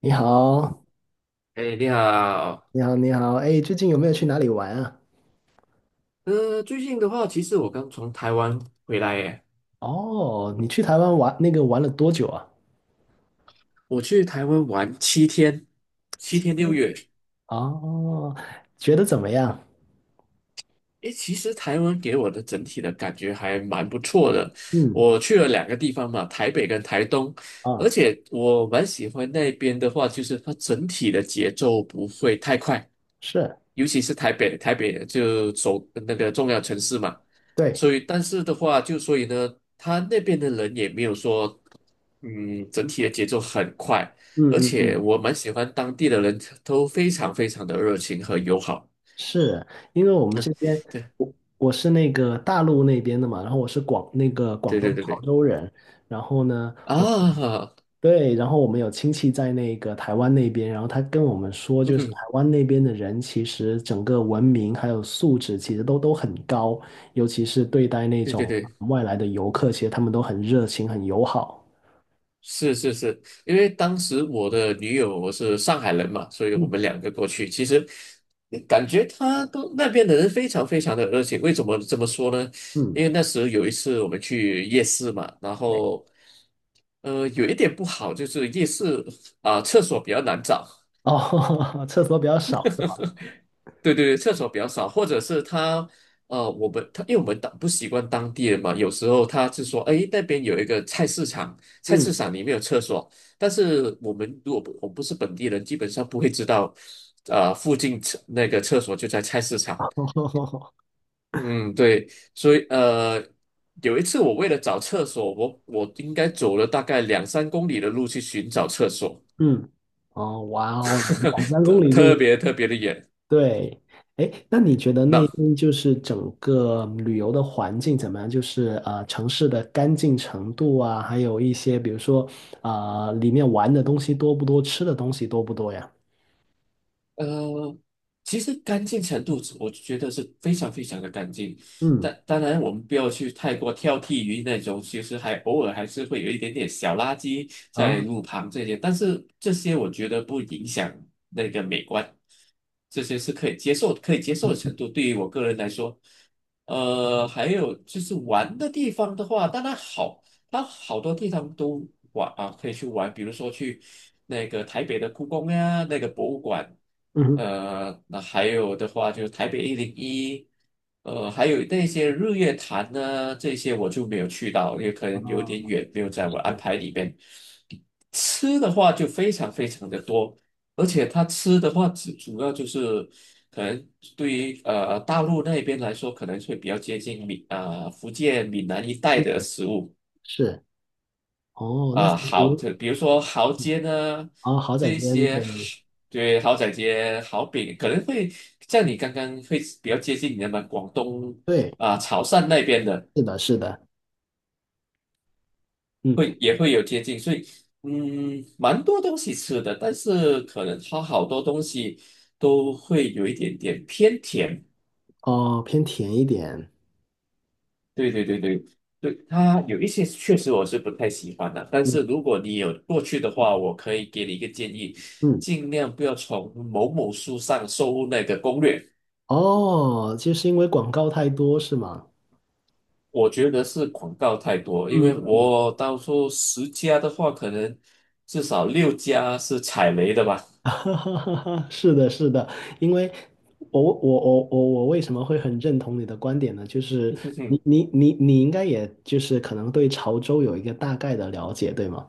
你好，哎，你好。你好，你好，哎，最近有没有去哪里玩啊？最近的话，其实我刚从台湾回来耶。哦，你去台湾玩玩了多久啊？我去台湾玩七天，七天六嗯。月。哦，觉得怎么样？诶，其实台湾给我的整体的感觉还蛮不错的。嗯。我去了两个地方嘛，台北跟台东。而啊。且我蛮喜欢那边的话，就是它整体的节奏不会太快，是。尤其是台北，台北就首那个重要城市嘛。对。所以但是的话，就所以呢，他那边的人也没有说，嗯，整体的节奏很快。嗯而嗯且嗯。我蛮喜欢当地的人都非常非常的热情和友好。是因为我们这边，对我是大陆那边的嘛，然后我是广那个广对东对对潮对。州人，然后呢，我们啊，对，然后我们有亲戚在台湾那边，然后他跟我们说，就是台嗯，湾那边的人其实整个文明还有素质其实都很高，尤其是对待那对对种对，外来的游客，其实他们都很热情、很友好。是是是，因为当时我的女友我是上海人嘛，所以我嗯们两个过去，其实感觉他都那边的人非常非常的热情。为什么这么说呢？嗯，因为那时候有一次我们去夜市嘛，然对。后有一点不好就是夜市啊、厕所比较难找。哦，厕所比较少是吧？对对对，厕所比较少，或者是他我们他因为我们当不习惯当地人嘛，有时候他是说，哎，那边有一个菜市场，菜嗯。市场里面有厕所。但是我们不是本地人，基本上不会知道，附近厕那个厕所就在菜市场。嗯，对，所以有一次我为了找厕所，我应该走了大概两三公里的路去寻找厕所。嗯。哦，哇哦，两三公里就有。特别的远。对。哎，那你觉得那那边就是整个旅游的环境怎么样？就是城市的干净程度啊，还有一些比如说啊、里面玩的东西多不多，吃的东西多不多呀？呃，其实干净程度是我觉得是非常非常的干净。嗯。但当然，我们不要去太过挑剔于那种，其实还偶尔还是会有一点点小垃圾在啊。路旁这些，但是这些我觉得不影响那个美观，这些是可以接受、可以接受的嗯。程度。对于我个人来说，还有就是玩的地方的话，当然好。它好多地方都玩啊，可以去玩，比如说去那个台北的故宫呀，那个博物馆。嗯哼。那还有的话就是台北101，还有那些日月潭呢。这些我就没有去到，也可啊。能有点远，没有在我安是排里边。吃的话就非常非常的多。而且它吃的话主要就是可能对于大陆那边来说，可能会比较接近闽啊、福建闽南一带的食物。是。哦，那其啊，豪，实就比如说豪街呢，啊，豪仔这煎。些对对豪仔街、豪饼可能会像你刚刚会比较接近你那广东对。啊、潮汕那边的，是的，是的。嗯。会也会有接近。所以嗯，蛮多东西吃的，但是可能它好多东西都会有一点点偏甜。哦，偏甜一点。对对对对对，它有一些确实我是不太喜欢的。但嗯是如果你有过去的话，我可以给你一个建议，嗯。尽量不要从某某书上搜那个攻略。哦，就是因为广告太多是吗？我觉得是广告太多，因嗯为嗯。我到时候10家的话，可能至少6家是踩雷的吧。是的，是的，因为我为什么会很认同你的观点呢？就是你 你你你应该也就是可能对潮州有一个大概的了解，对吗？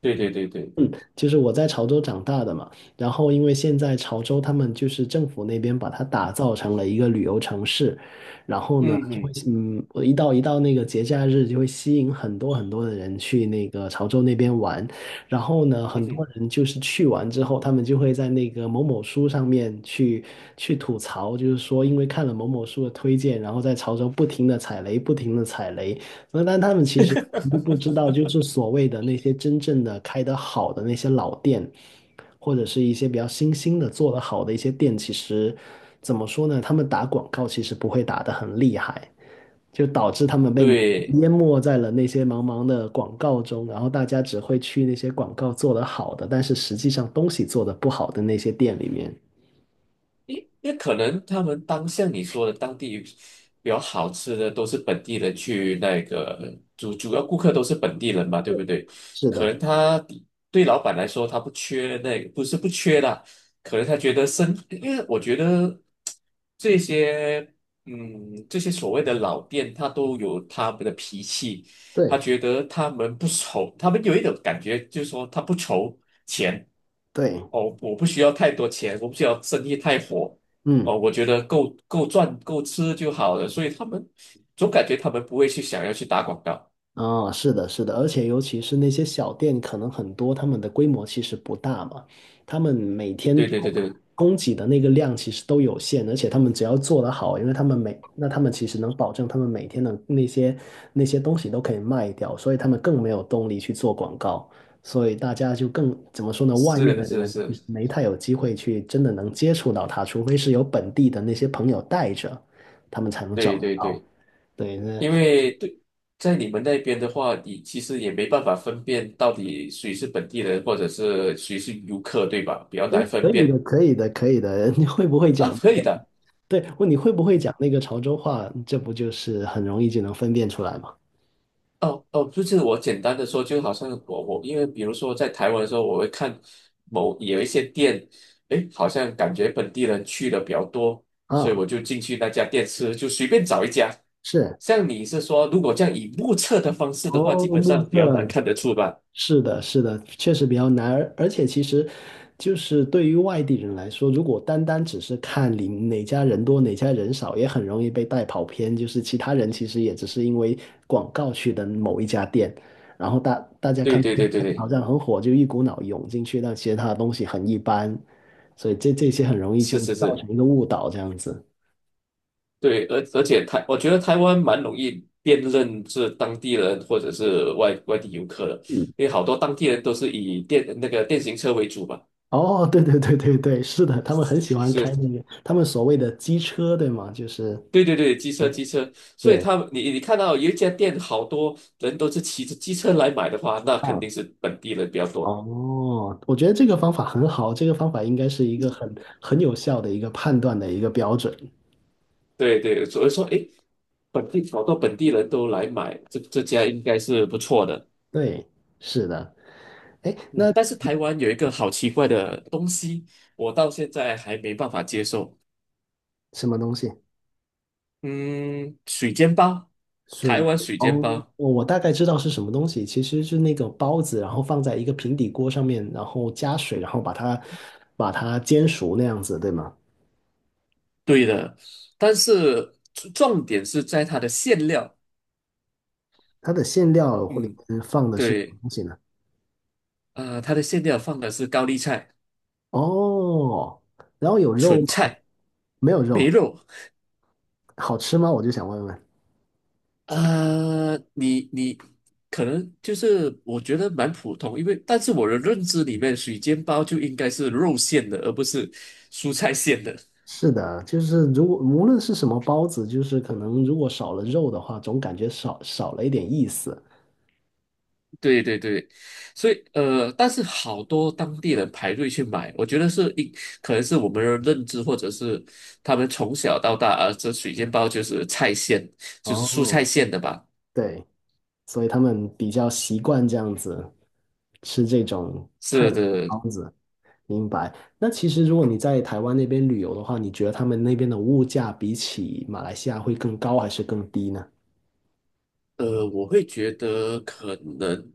对对对对，嗯，就是我在潮州长大的嘛，然后因为现在潮州他们就是政府那边把它打造成了一个旅游城市，然后呢嗯就会哼，嗯，我一到那个节假日就会吸引很多很多的人去潮州那边玩，然后呢嗯很多哼，人就是去完之后，他们就会在那个某某书上面去吐槽，就是说因为看了某某书的推荐，然后在潮州不停的踩雷，不停的踩雷。那但他们其实不知道，就是所谓的那些真正的开得好的那些老店，或者是一些比较新兴的做得好的一些店，其实怎么说呢？他们打广告其实不会打得很厉害，就导致他们被对。淹没在了那些茫茫的广告中，然后大家只会去那些广告做得好的，但是实际上东西做得不好的那些店里面。因为可能他们当像你说的当地比较好吃的都是本地人去那个主要顾客都是本地人嘛，对对。不对？是可的。能他对老板来说他不缺那个，不是不缺啦。可能他觉得生，因为我觉得这些嗯这些所谓的老店，他都有他们的脾气。对他觉得他们不愁，他们有一种感觉就是说他不愁钱。对。哦，我不需要太多钱，我不需要生意太火。嗯。哦，我觉得够赚够吃就好了。所以他们总感觉他们不会去想要去打广告。啊，是的，是的，而且尤其是那些小店，可能很多他们的规模其实不大嘛，他们每天对对对对，供给的那个量其实都有限，而且他们只要做得好，因为他们其实能保证他们每天的那些东西都可以卖掉，所以他们更没有动力去做广告，所以大家就更，怎么说呢，外是面的的是人是，其实没太有机会去真的能接触到他，除非是有本地的那些朋友带着，他们才能找对得对到。对，对，那因为对，在你们那边的话，你其实也没办法分辨到底谁是本地人或者是谁是游客，对吧？比较难分可以辨的，可以的，可以的。你会不会啊，讲可那以个？的。对，问你会不会讲那个潮州话？这不就是很容易就能分辨出来吗？哦哦，就是我简单的说，就好像我因为比如说在台湾的时候，我会看某有一些店，诶，好像感觉本地人去的比较多，所以啊。我就进去那家店吃，就随便找一家。是。像你是说，如果这样以目测的方式的话，哦，基本目上比较难测看得出吧？是的，是的，确实比较难。而且其实，就是对于外地人来说，如果单单只是看你哪家人多哪家人少，也很容易被带跑偏。就是其他人其实也只是因为广告去的某一家店，然后大家对看。对对对好对，像很火，就一股脑涌进去，但其实它的东西很一般，所以这些很容易就是是造是，成一个误导这样子。对，而且台，我觉得台湾蛮容易辨认是当地人或者是外地游客的，嗯。因为好多当地人都是以电那个电行车为主吧。哦，对对对对对，是的，他们很喜欢开那是个他们所谓的机车，对吗？就是对对对，机车机车，所以对。他们你看到有一家店，好多人都是骑着机车来买的话，那肯嗯。定是本地人比较多。哦，我觉得这个方法很好，这个方法应该是一个很有效的一个判断的一个标准。对对，所以说，诶，本地好多本地人都来买，这家应该是不错的。对。是的。哎，嗯，那但是台湾有一个好奇怪的东西，我到现在还没办法接受。什么东西？嗯，水煎包，水台以，湾水煎哦，包，我我大概知道是什么东西，其实是那个包子，然后放在一个平底锅上面，然后加水，然后把它煎熟那样子，对吗？对的。但是重点是在它的馅料。它的馅料或里嗯，面放的是什么对，东西呢？它的馅料放的是高丽菜。哦，然后有肉纯吗？菜没有没肉，肉。好吃吗？我就想问问。你可能就是我觉得蛮普通，因为但是我的认知里面，水煎包就应该是肉馅的，而不是蔬菜馅的。是的，就是如果无论是什么包子，就是可能如果少了肉的话，总感觉少了一点意思。对对对，所以但是好多当地人排队去买，我觉得是一可能是我们的认知，或者是他们从小到大啊，这水煎包就是菜馅，就是蔬哦。菜馅的吧？对，所以他们比较习惯这样子吃这种菜是的的，包子。明白。那其实如果你在台湾那边旅游的话，你觉得他们那边的物价比起马来西亚会更高还是更低呢？我会觉得可能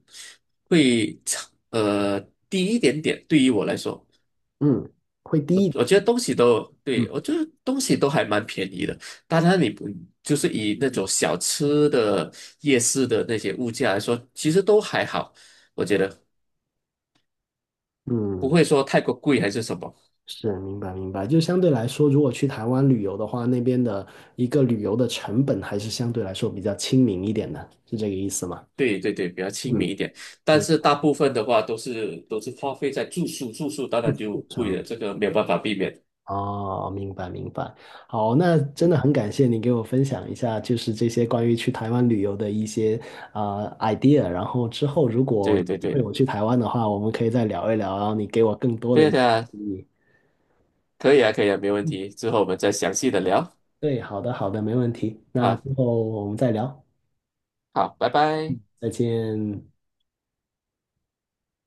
会差低一点点，对于我来说，嗯，会我低一我觉点。得东西都嗯对我觉得东西都还蛮便宜的。当然，你不就是以那种小吃的夜市的那些物价来说，其实都还好，我觉得不嗯。会说太过贵还是什么。是，明白明白。就相对来说，如果去台湾旅游的话，那边的一个旅游的成本还是相对来说比较亲民一点的，是这个意思吗？对对对，比较亲嗯，民一点。但你是大部分的话都是花费在住宿，住宿当然就非贵了，常这个没有办法避免。哦，明白明白。好，那真的很感谢你给我分享一下，就是这些关于去台湾旅游的一些啊、idea。然后之后如果有对对机会对，我去台湾的话，我们可以再聊一聊，然后你给我更多的一对些的。建议。可以啊，可以啊，没问嗯，题。之后我们再详细的聊对，好的好的，没问题。那啊。之后我们再聊，好，拜拜。再见。